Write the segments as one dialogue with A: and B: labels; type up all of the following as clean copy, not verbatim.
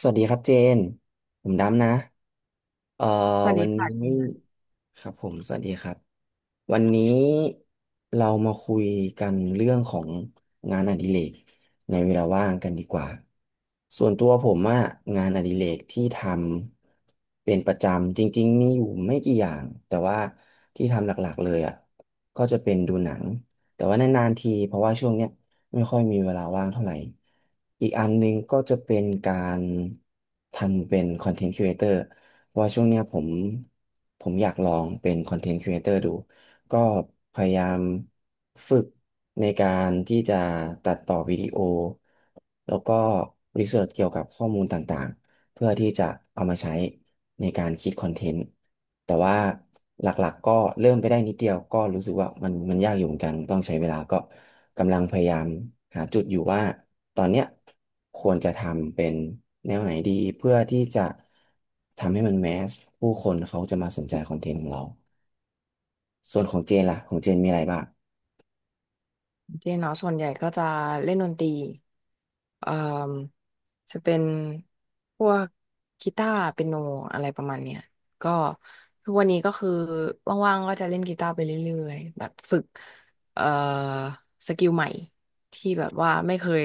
A: สวัสดีครับเจน ผมดำนะเอ่อ
B: สวัส
A: วั
B: ดี
A: น
B: ค่ะเจ
A: นี้
B: นนะ
A: ครับผมสวัสดีครับ วันนี้เรามาคุยกันเรื่องของงานอดิเรกในเวลาว่างกันดีกว่าส่วนตัวผมอะงานอดิเรกที่ทำเป็นประจำจริงๆมีอยู่ไม่กี่อย่างแต่ว่าที่ทำหลักๆเลยอะก็จะเป็นดูหนังแต่ว่านานๆทีเพราะว่าช่วงเนี้ยไม่ค่อยมีเวลาว่างเท่าไหร่อีกอันหนึงก็จะเป็นการทำเป็นคอนเทนต์ครีเอเตอร์เพราะว่าช่วงเนี้ยผมอยากลองเป็นคอนเทนต์ครีเอเตอร์ดู ก็พยายามฝึกในการที่จะตัดต่อวิดีโอแล้วก็รีเสิร์ชเกี่ยวกับข้อมูลต่างๆเพื่อที่จะเอามาใช้ในการคิดคอนเทนต์แต่ว่าหลักๆก็เริ่มไปได้นิดเดียวก็รู้สึกว่ามันยากอยู่เหมือนกันต้องใช้เวลาก็กำลังพยายามหาจุดอยู่ว่าตอนเนี้ยควรจะทำเป็นแนวไหนดีเพื่อที่จะทำให้มันแมสผู้คนเขาจะมาสนใจคอนเทนต์ของเรา ส่วนของเจนล่ะของเจนมีอะไรบ้าง
B: เจนเนาะส่วนใหญ่ก็จะเล่นดนตรีเอ่อจะเป็นพวกกีตาร์เปียโนอะไรประมาณเนี้ยก็ทุกวันนี้ก็คือว่างๆก็จะเล่นกีตาร์ไปเรื่อยๆแบบฝึกเอ่อสกิลใหม่ที่แบบว่าไม่เคย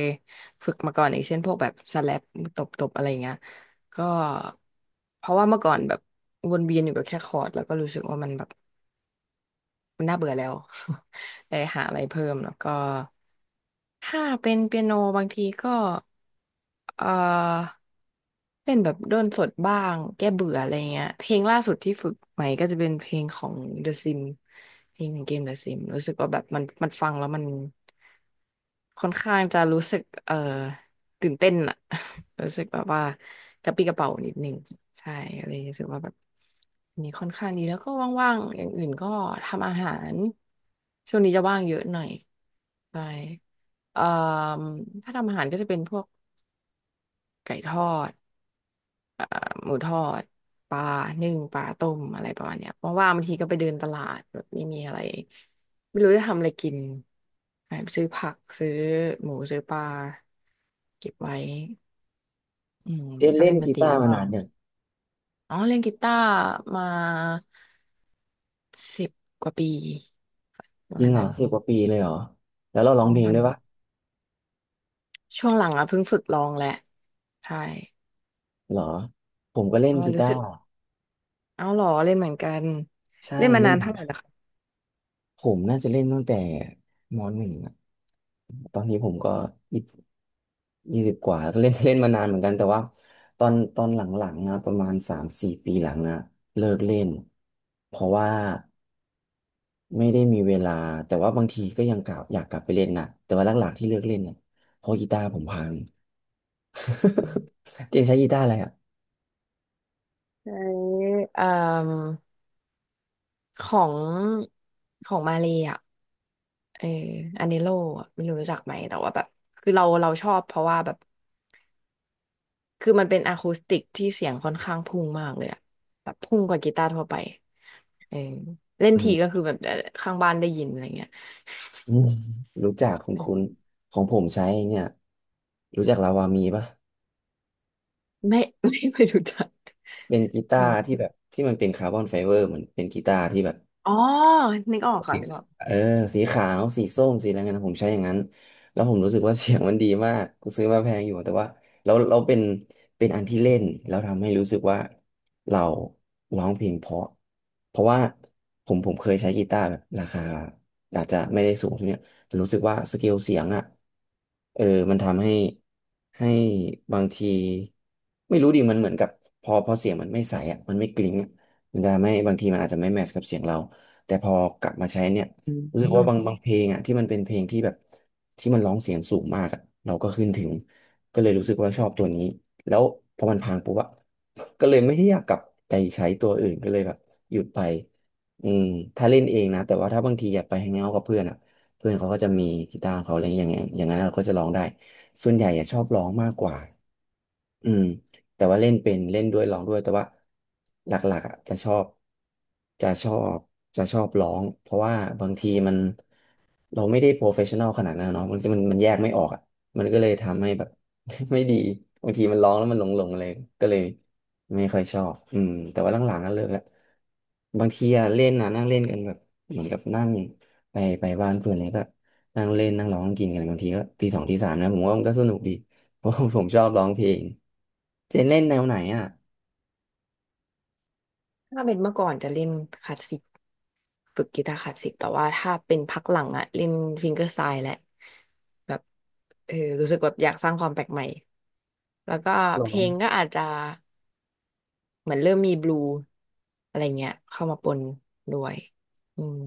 B: ฝึกมาก่อนอย่างเช่นพวกแบบสแลปตบๆอะไรเงี้ยก็เพราะว่าเมื่อก่อนแบบวนเวียนอยู่กับแค่คอร์ดแล้วก็รู้สึกว่ามันแบบ มันน่าเบื่อแล้ว เลยหาอะไรเพิ่มแล้วก็ ถ้าเป็นเปียโนบางทีก็เอ่อเล่นแบบด้นสดบ้างแก้เบื่ออะไรเงี้ยเพลงล่าสุดที่ฝึกใหม่ก็จะเป็นเพลงของ The Sim เพลงของเกม The Sim รู้สึกว่าแบบมันฟังแล้วมันค่อนข้างจะรู้สึกตื่นเต้นอะ รู้สึกแบบว่ากระปรี้กระเป๋านิดนึงใช่เลยรรู้สึกว่าแบบอันนี้ค่อนข้างดีแล้วก็ว่างๆอย่างอื่นก็ทำอาหารช่วงนี้จะว่างเยอะหน่อยใช่ เอ่อถ้าทำอาหารก็จะเป็นพวกไก่ทอดเอ่อหมูทอดปลานึ่งปลาต้มอะไรประมาณเนี้ยว่างๆบางทีก็ไปเดินตลาดแบบไม่มีอะไรไม่รู้จะทำอะไรกินไปซื้อผักซื้อหมูซื้อปลาเก็บไว้อืม
A: เจน
B: ก็
A: เล่
B: เล่
A: น
B: นดน
A: กี
B: ตรี
A: ตาร์
B: แล้ว
A: มา
B: ก็
A: นานอย่าง
B: อ๋อเล่นกีตาร์มา10 กว่าปีประ
A: จริ
B: มา
A: ง
B: ณ
A: เหรอ
B: นั้น
A: 10 กว่าปีเลยเหรอแล้วเราร้องเพล
B: ต
A: ง
B: อน
A: ด้วยปะ
B: ช่วงหลังอ่ะเพิ่งฝึกร้องแหละใช่
A: เหรอผมก็เล่
B: เพ
A: น
B: ราะว่า
A: กี
B: รู้
A: ตา
B: สึก
A: ร์
B: เอาเหรอเล่นเหมือนกัน
A: ใช่
B: เล่นมา
A: เล่
B: นา
A: น
B: นเท่าไหร่นะคะ
A: ผมน่าจะเล่นตั้งแต่ม.1อะตอนนี้ผมก็ยี่สิบยี่สิบกว่าก็เล่น เล่นมานานเหมือนกันแต่ว่าตอนหลังๆนะประมาณ3-4 ปีหลังอะเลิกเล่นเพราะว่าไม่ได้มีเวลาแต่ว่าบางทีก็ยังกลับอยากกลับไปเล่นนะแต่ว่าหลักๆที่เลิกเล่นเนี่ยเพราะกีตาร์ผมพัง เจนใช้กีตาร์อะไรอ่ะ
B: ใช้เอ่มของของมาเลยอ่ะเอออันเนโลอะไม่รู้รู้จักไหมแต่ว่าแบบคือเราชอบเพราะว่าแบบคือมันเป็นอะคูสติกที่เสียงค่อนข้างพุ่งมากเลยอะแบบพุ่งกว่ากีตาร์ทั่วไปเออเล่น
A: อื
B: ทีก็
A: ม
B: คือแบบข้างบ้านได้ยินอะไรเงี้ย
A: อืมรู้จักคุณ
B: เออ
A: คุณของผมใช้เนี่ยรู้จักลาวามีปะ
B: ไม่ ไม่รู้จัก
A: เป็นกีตา
B: เรา
A: ร์ที่แบบที่มันเป็นคาร์บอนไฟเบอร์เหมือนเป็นกีตาร์ที่แบบ
B: อ๋อนึกออกค่ะ
A: สี
B: นึกออก
A: เออสีขาวสีส้มสีอะไรเงี้ยนะผมใช้อย่างนั้นแล้วผมรู้สึกว่า เสียงมันดีมากกูซื้อมาแพงอยู่แต่ว่าเราเป็นอันที่เล่นแล้วทำให้รู้สึกว่าเราร้องเพลงเพราะเพราะว่าผมเคยใช้กีตาร์แบบราคาอาจจะไม่ได้สูงเท่าเนี้ยแต่รู้สึกว่าสเกลเสียงอ่ะเออมันทำให้ให้บางทีไม่รู้ดิมันเหมือนกับพอเสียงมันไม่ใสอ่ะมันไม่กลิ้งอะมันจะไม่บางทีมันอาจจะไม่แมทช์กับเสียงเรา แต่พอกลับมาใช้เนี่ย
B: อื
A: รู้สึกว่าบาง
B: ม
A: บางเพลงอ่ะที่มันเป็นเพลงที่แบบที่มันร้องเสียงสูงมากอ่ะเราก็ขึ้นถึงก็เลยรู้สึกว่าชอบตัวนี้แล้วพอมันพังปุ๊บอะ ก็เลยไม่ได้อยากกลับไปใช้ตัวอื่นก็เลยแบบหยุดไปอืมถ้าเล่นเองนะแต่ว่าถ้าบางทีอยากไปแฮงเอาท์กับเพื่อนอ่ะเพื่อนเขาก็จะมีกีตาร์ของเขาอะไรอย่างเงี้ยอย่างนั้นเราก็จะร้องได้ส่วนใหญ่อะชอบร้องมากกว่าอืม แต่ว่าเล่นเป็นเล่นด้วยร้องด้วยแต่ว่าหลักๆอ่ะจะชอบจะชอบร้องเพราะว่าบางทีมัน เราไม่ได้โปรเฟชชั่นอลขนาดนั้นเนาะมันแยกไม่ออกอ่ะมันก็เลยทำให้แบบ ไม่ดีบางทีมันร้องแล้วมันหลงหลงอะไรก็เลยไม่ค่อยชอบอืมแต่ว่าหลังๆก็เลิกละบางทีอะเล่นนะนั่งเล่นกันแบบเหมือนกับนั่งไปบ้านเพื่อนเลยก็นั่งเล่นนั่งร้องกินกันบางทีก็ตี 2 ตี 3นะผมว่ามันก็สนุกดีเพราะ ผมชอบร้องเพลงเจนเล่นแนวไหนอ่ะ
B: ถ้าเป็นเมื่อก่อนจะเล่นคลาสสิก ฝึกกีตาร์คลาสสิกแต่ว่าถ้าเป็นพักหลังอะเล่นฟิงเกอร์สไตล์แหละแบบเออรู้สึกแบบอยากสร้างความแปลกใหม่แล้วก็
A: ร้
B: เพ
A: อ
B: ล
A: ง
B: งก็อาจจะเหมือนเริ่มมีบลูอะไรเงี้ยเข้ามาปนด้วยอืม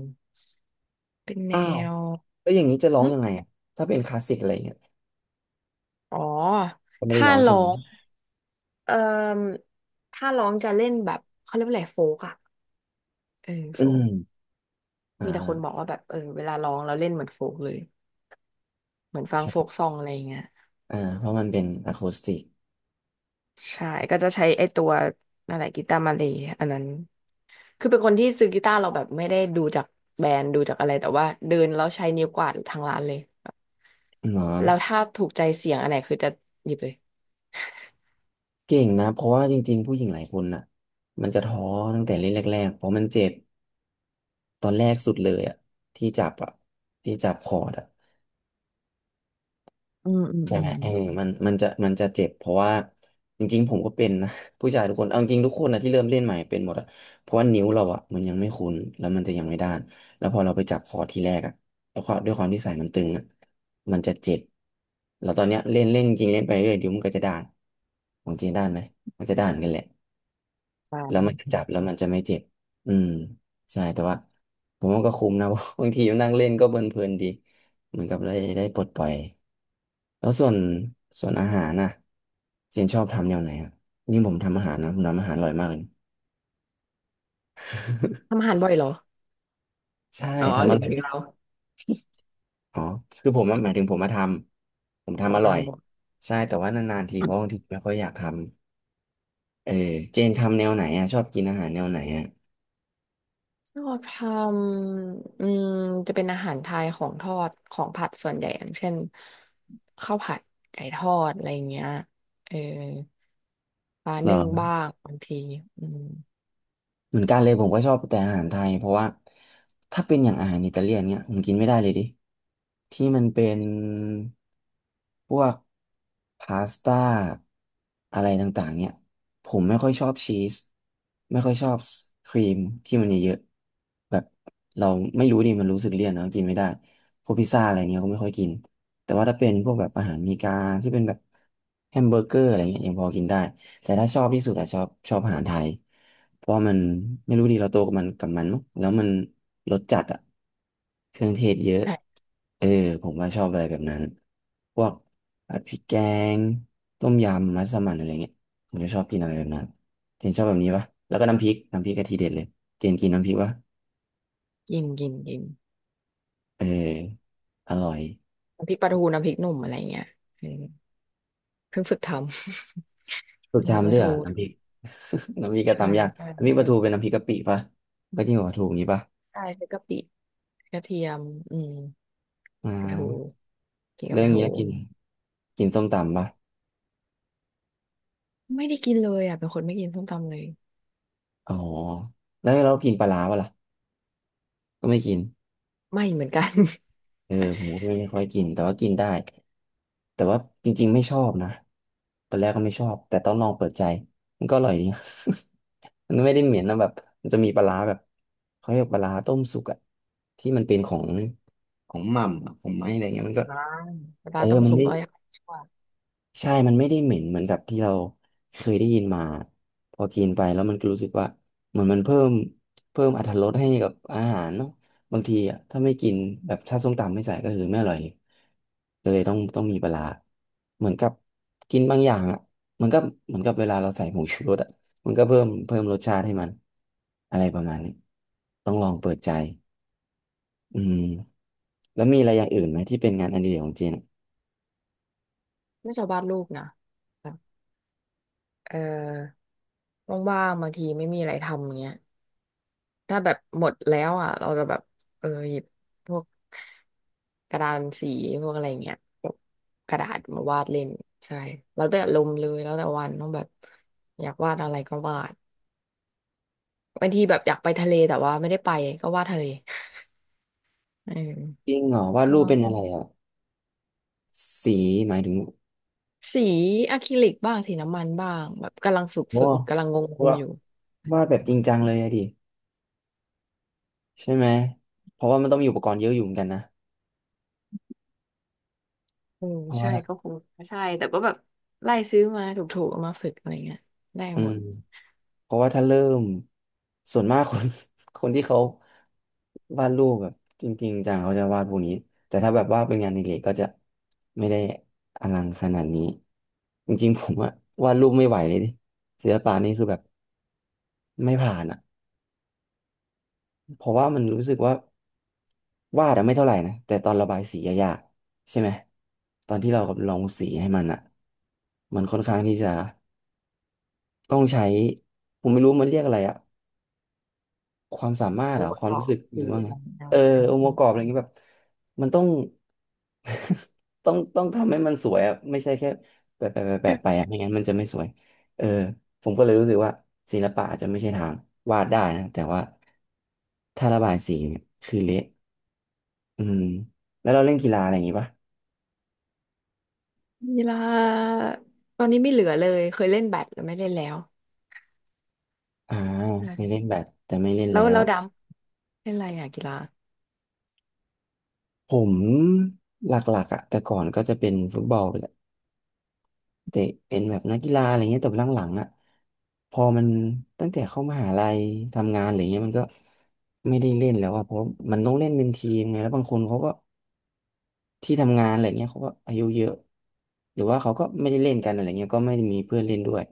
B: เป็นแน
A: อ้าว
B: ว
A: แล้วอย่างนี้จะร้อง
B: หึ
A: ยังไงอ่ะถ้าเป็นคลาสสิกอะไรเงี้ย
B: อ๋อ
A: ก็ไม่ได้
B: ถ้า
A: ร้องใช่
B: ร้อ
A: ไหม
B: งเอ่อถ้าร้องจะเล่นแบบเขาเรียกว่าอะไรโฟกอะเออโฟ
A: อืม
B: ก
A: อ่
B: มีแต่คนบอก
A: า
B: ว่าแบบเออเวลาร้องเราเล่นเหมือนโฟกเลยเหมือนฟังโฟก
A: ใช่
B: ซองอะไรอย่างเงี้ย
A: อ่าเพราะมันเป็นอะคูสติก
B: ใช่ก็จะใช้ไอ้ตัวอะไรกีตาร์มาเลยอันนั้นคือเป็นคนที่ซื้อกีตาร์เราแบบไม่ได้ดูจากแบรนด์ดูจากอะไรแต่ว่าเดินแล้วใช้นิ้วกวาดทางร้านเลยแ
A: เนาะ
B: ล้วถ้าถูกใจเสียงอันไหนคือจะหยิบเลย
A: เก่งนะเพราะว่าจริงๆผู้หญิงหลายคนน่ะมันจะท้อตั้งแต่เล่นแรกๆเพราะมันเจ็บตอนแรกสุดเลยอ่ะที่จับอ่ะที่จับคอร์ดอ่ะ
B: อืมอืม
A: ใช่
B: อื
A: ไหม
B: ม
A: เออมันมันจะมันจะเจ็บเพราะว่าจริงๆผมก็เป็นนะ ผู้ชายทุกคนเอาจริงทุกคนนะที่เริ่มเล่นใหม่เป็นหมดอะเพราะว่านิ้วเราอะมันยังไม่คุ้นแล้วมันจะยังไม่ด้านแล้วพอเราไปจับคอร์ทีแรกอะแล้วความด้วยความที่สายมันตึงอะมันจะเจ็บแล้วตอนเนี้ยเล่นเล่นจริงเล่นไปเรื่อยเดี๋ยวมันก็จะด้านของจริงด้านไหมมันจะด้านกันแหละ
B: บ้าน
A: แล้วมันจะจับแล้วมันจะไม่เจ็บอืมใช่แต่ว่าผมว่าก็คุ้มนะ บางทีนั่งเล่นก็เพลินๆดีเหมือนกับได้ปลดปล่อย แล้วส่วนอาหารน่ะเจนชอบทำแนวไหนอ่ะยิ่งผมทำอาหารนะผมทำอาหารอร่อยมากเลย
B: ทำอาหารบ่อยเหรอ
A: ใช่
B: อ๋อ
A: ทำ
B: ห
A: อ
B: รือ
A: ร่อ
B: ว่า
A: ย
B: เรา
A: อ๋อคือผมอะหมายถึงผมมาทำผม
B: อ๋อ
A: ทำอร่อย
B: ทำบ่อย
A: ใช่แต่ว่านานๆทีเพราะบางทีไม่ค่อยอยากทำเออเจนทำแนวไหนอ่ะชอบกินอาหารแนวไหนอ่ะ
B: ทอดทำอืมจะเป็นอาหารไทยของทอดของผัดส่วนใหญ่อย่างเช่นข้าวผัดไก่ทอดอะไรอย่างเงี้ยเออปลา
A: เหรอ
B: นึ่งบ้างบางทีอืม
A: เหมือนกันเลยผมก็ชอบแต่อาหารไทยเพราะว่าถ้าเป็นอย่างอาหารอิตาเลียนเนี้ยผมกินไม่ได้เลยดิที่มันเป็นพวกพาสต้าอะไรต่างๆเนี่ยผมไม่ค่อยชอบชีสไม่ค่อยชอบครีมที่มันเยอะๆแบบเราไม่รู้ดิมันรู้สึกเลี่ยนเนาะกินไม่ได้พวกพิซซ่าอะไรเงี้ยก็ไม่ค่อยกินแต่ว่าถ้าเป็นพวกแบบอาหารอเมีกาที่เป็นแบบแฮมเบอร์เกอร์อะไรเงี้ยยังพอกินได้ แต่ถ้าชอบที่สุดอะชอบอาหารไทยเพราะว่ามันไม่รู้ดีเราโตกับมันมั้งแล้วมันรสจัดอะเครื่องเทศเยอะ
B: ใช่
A: เออผมว่าชอบอะไรแบบนั้นพวกผัดพริกแกงต้มยำมัสมั่นอะไรเงี้ยผมจะชอบกินอะไรแบบนั้นเจนชอบแบบนี้ปะแล้วก็น้ำพริกน้ำพริกกะทีเด็ดเลยเจนกินน้ำพริกปะ
B: กินกินกิน
A: เอออร่อย
B: น้ำพริกปลาทูน้ำพริกหนุ่มอะไรเงี้ยเออเพิ่งฝึกทำ น้ำ
A: สูต
B: พ
A: ร
B: ริกป
A: จำ
B: ลา
A: ด้วยเหร
B: ทู
A: อน้ำพริก น้ำพริกกะ
B: ใช่
A: ตำยาก
B: ใช่
A: น้ำพริกปลาทูเป็นน้ำพริกกะปิปะก็จิ้มกับปลาทูอย่างนี้ปะ
B: ใช่ใช้กะปิกระเทียมอืม
A: อ่
B: ปลาทู
A: า
B: กินกับ
A: แล้ว
B: ป
A: อ
B: ลา
A: ย่าง
B: ทู
A: เงี้ยกินกินส้มตำปะ
B: ไม่ได้กินเลยอ่ะเป็นคนไม่กินส้มตำเลย
A: อ๋อแล้วเรากินปลาร้าปะล่ะก็ไม่กิน
B: ไม่เหมือนกัน
A: เออผมก็ไม่ค่อยกิน แต่ว่ากินได้ แต่ว่าจริงๆไม่ชอบนะตอนแรกก็ไม่ชอบ แต่ต้องลองเปิดใจ มันก็อร่อยดี มันไม่ได้เหม็นนะแบบมันจะมีปลาร้าแบบเขาเรียกปลาร้าต้มสุกอะที่มันเป็นของของหม่ำอะของไม้อะไรเงี้ยมันก็
B: ร้านแต่ป
A: เอ
B: ลา
A: อ
B: ต้ม
A: มัน
B: สุก
A: ไม่
B: ก็ยังชอบ
A: ใช่มันไม่ได้เหม็นเหมือนกับที่เราเคยได้ยินมาพอกินไปแล้วมันก็รู้สึกว่าเหมือนมันเพิ่มอรรถรสให้กับอาหารเนาะบางทีอะถ้าไม่กินแบบถ้าส้มตำไม่ใส่ก็คือไม่อร่อยเลยก็เลยต้องมีปลาร้าเหมือนกับกินบางอย่างอ่ะมันก็เหมือนกับเวลาเราใส่ผงชูรสอ่ะมันก็เพิ่มรสชาติให้มันอะไรประมาณนี้ต้องลองเปิดใจอืมแล้วมีอะไรอย่างอื่นไหมที่เป็นงานอดิเรกของเจนอะ
B: ไม่ชอบวาดรูปนะแบบเออว่างๆบางทีไม่มีอะไรทำอย่างเงี้ยถ้าแบบหมดแล้วอ่ะเราจะแบบเออหยิบพวกกระดานสีพวกอะไรอย่างเงี้ยแบบกระดาษมาวาดเล่นใช่แล้วแต่ลมณ์เลยแล้วแต่วันต้องแบบอยากวาดอะไรก็วาดบางทีแบบอยากไปทะเลแต่ว่าไม่ได้ไปก็วาดทะเลเอ
A: จ
B: อ
A: ริงเหรอวาด
B: ก็
A: รูปเป็นอะไรอ่ะสีหมายถึง
B: สีอะคริลิกบ้างสีน้ำมันบ้างแบบกำลังฝึก
A: โอ้
B: ฝึกกำลังงง
A: ว่า
B: ๆอยู่
A: วาดแบบจริงจังเลยอะดิใช่ไหมเพราะว่ามันต้องมีอุปกรณ์เยอะอยู่เหมือนกันนะ
B: เออ
A: เพราะว่า
B: ใช่ก็คงใช่แต่ก็แบบไล่ซื้อมาถูกๆเอามาฝึกอะไรเงี้ยได้
A: อื
B: หม
A: ม
B: ด
A: เพราะว่าถ้าเริ่มส่วนมากคน คนที่เขาวาดรูปแบบจริงๆจังเขาจะวาดพวกนี้แต่ถ้าแบบว่าเป็นงานอดิเรกก็จะไม่ได้อลังขนาดนี้จริงๆผมอะวาดรูปไม่ไหวเลยดิศิลปะนี่คือแบบไม่ผ่านอะ เพราะว่ามันรู้สึกว่าวาดอะไม่เท่าไหร่นะแต่ตอนระบายสีอะยากใช่ไหมตอนที่เราลองสีให้มันอะมันค่อนข้างที่จะต้องใช้ผมไม่รู้มันเรียกอะไรอะความสามารถ
B: โอ
A: เหรอ
B: เวอ
A: ค
B: ร
A: วามรู้
B: ์
A: สึกหรื
B: คื
A: อ
B: อ
A: ว่า
B: อะ
A: ไง
B: ไรเงี้ย
A: เออองค์
B: อื
A: ประ
B: ม
A: กอบอะไรเงี้ยแบบมันต้อง ต้องทำให้มันสวยอะไม่ใช่แค่แปะแปะแปะแปะไปอะไม่งั้นมันจะไม่สวยเออผมก็เลยรู้สึกว่าศิลปะอาจจะไม่ใช่ทางวาดได้นะแต่ว่าถ้าระบายสีเนี่ยคือเละ อืมแล้วเราเล่นกีฬาอะไรอย่างงี้ปะ
B: กีฬาตอนนี้ไม่เหลือเลยเคยเล่นแบดแต่ไม่เล่นแล้ว
A: อ่าเคย
B: ใช่
A: เล่นแบดแต่ไม่เล่น
B: แล้
A: แล้
B: ว
A: ว
B: เราดำเล่นอะไรอ่ะกีฬา
A: ผมหลักๆอ่ะแต่ก่อนก็จะเป็นฟุตบอลแหละเตะเป็นแบบนักกีฬาอะไรเงี้ยแต่หลังๆอ่ะพอมันตั้งแต่เข้ามหาลัยทำงานอะไรเงี้ยมันก็ไม่ได้เล่นแล้วอ่ะเพราะมันต้องเล่นเป็นทีมไงแล้วบางคนเขาก็ ที่ทำงานอะไรเงี้ยเขาก็อายุเยอะหรือว่าเขาก็ไม่ได้เล่นกันอะไรเงี้ยก็ไม่ได้มีเพื่อนเล่นด้วย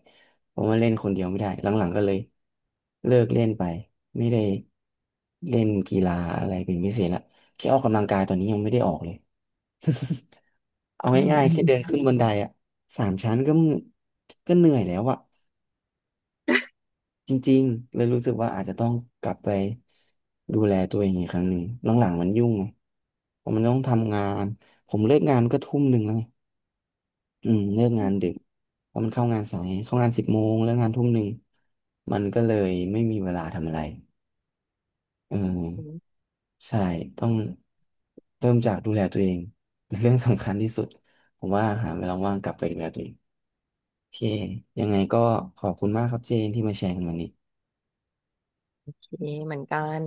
A: ผมว่าเล่นคนเดียวไม่ได้หลังๆก็เลยเลิกเล่นไปไม่ได้เล่นกีฬาอะไรเป็นพิเศษละแค่ออกกำลังกายตอนนี้ยังไม่ได้ออกเลย เอา
B: อืม
A: ง่าย
B: อื
A: ๆแค่เดิน
B: ม
A: ขึ้นบันไดอะ3 ชั้นก็มึก็เหนื่อยแล้วอะจริงๆเลยรู้สึกว่าอาจจะต้องกลับไปดูแลตัวเองอีกครั้งหนึ่งหลังๆมันยุ่งไงผมมันต้องทำงานผมเลิกงานก็ทุ่มหนึ่งแล้วไง อืมเลิกงานดึกเพราะมันเข้างานสายเข้างาน10 โมงเลิกงานทุ่มหนึ่งมันก็เลยไม่มีเวลาทำอะไรเออ
B: อืม
A: ใช่ต้องเริ่มจากดูแลตัวเองเป็นเรื่องสำคัญที่สุดผมว่าหาเวลาว่างกลับไปดูแลตัวเองโอเคยังไงก็ขอบคุณมากครับเจนที่มาแชร์กันวันนี้
B: โอเคเหมือนกัน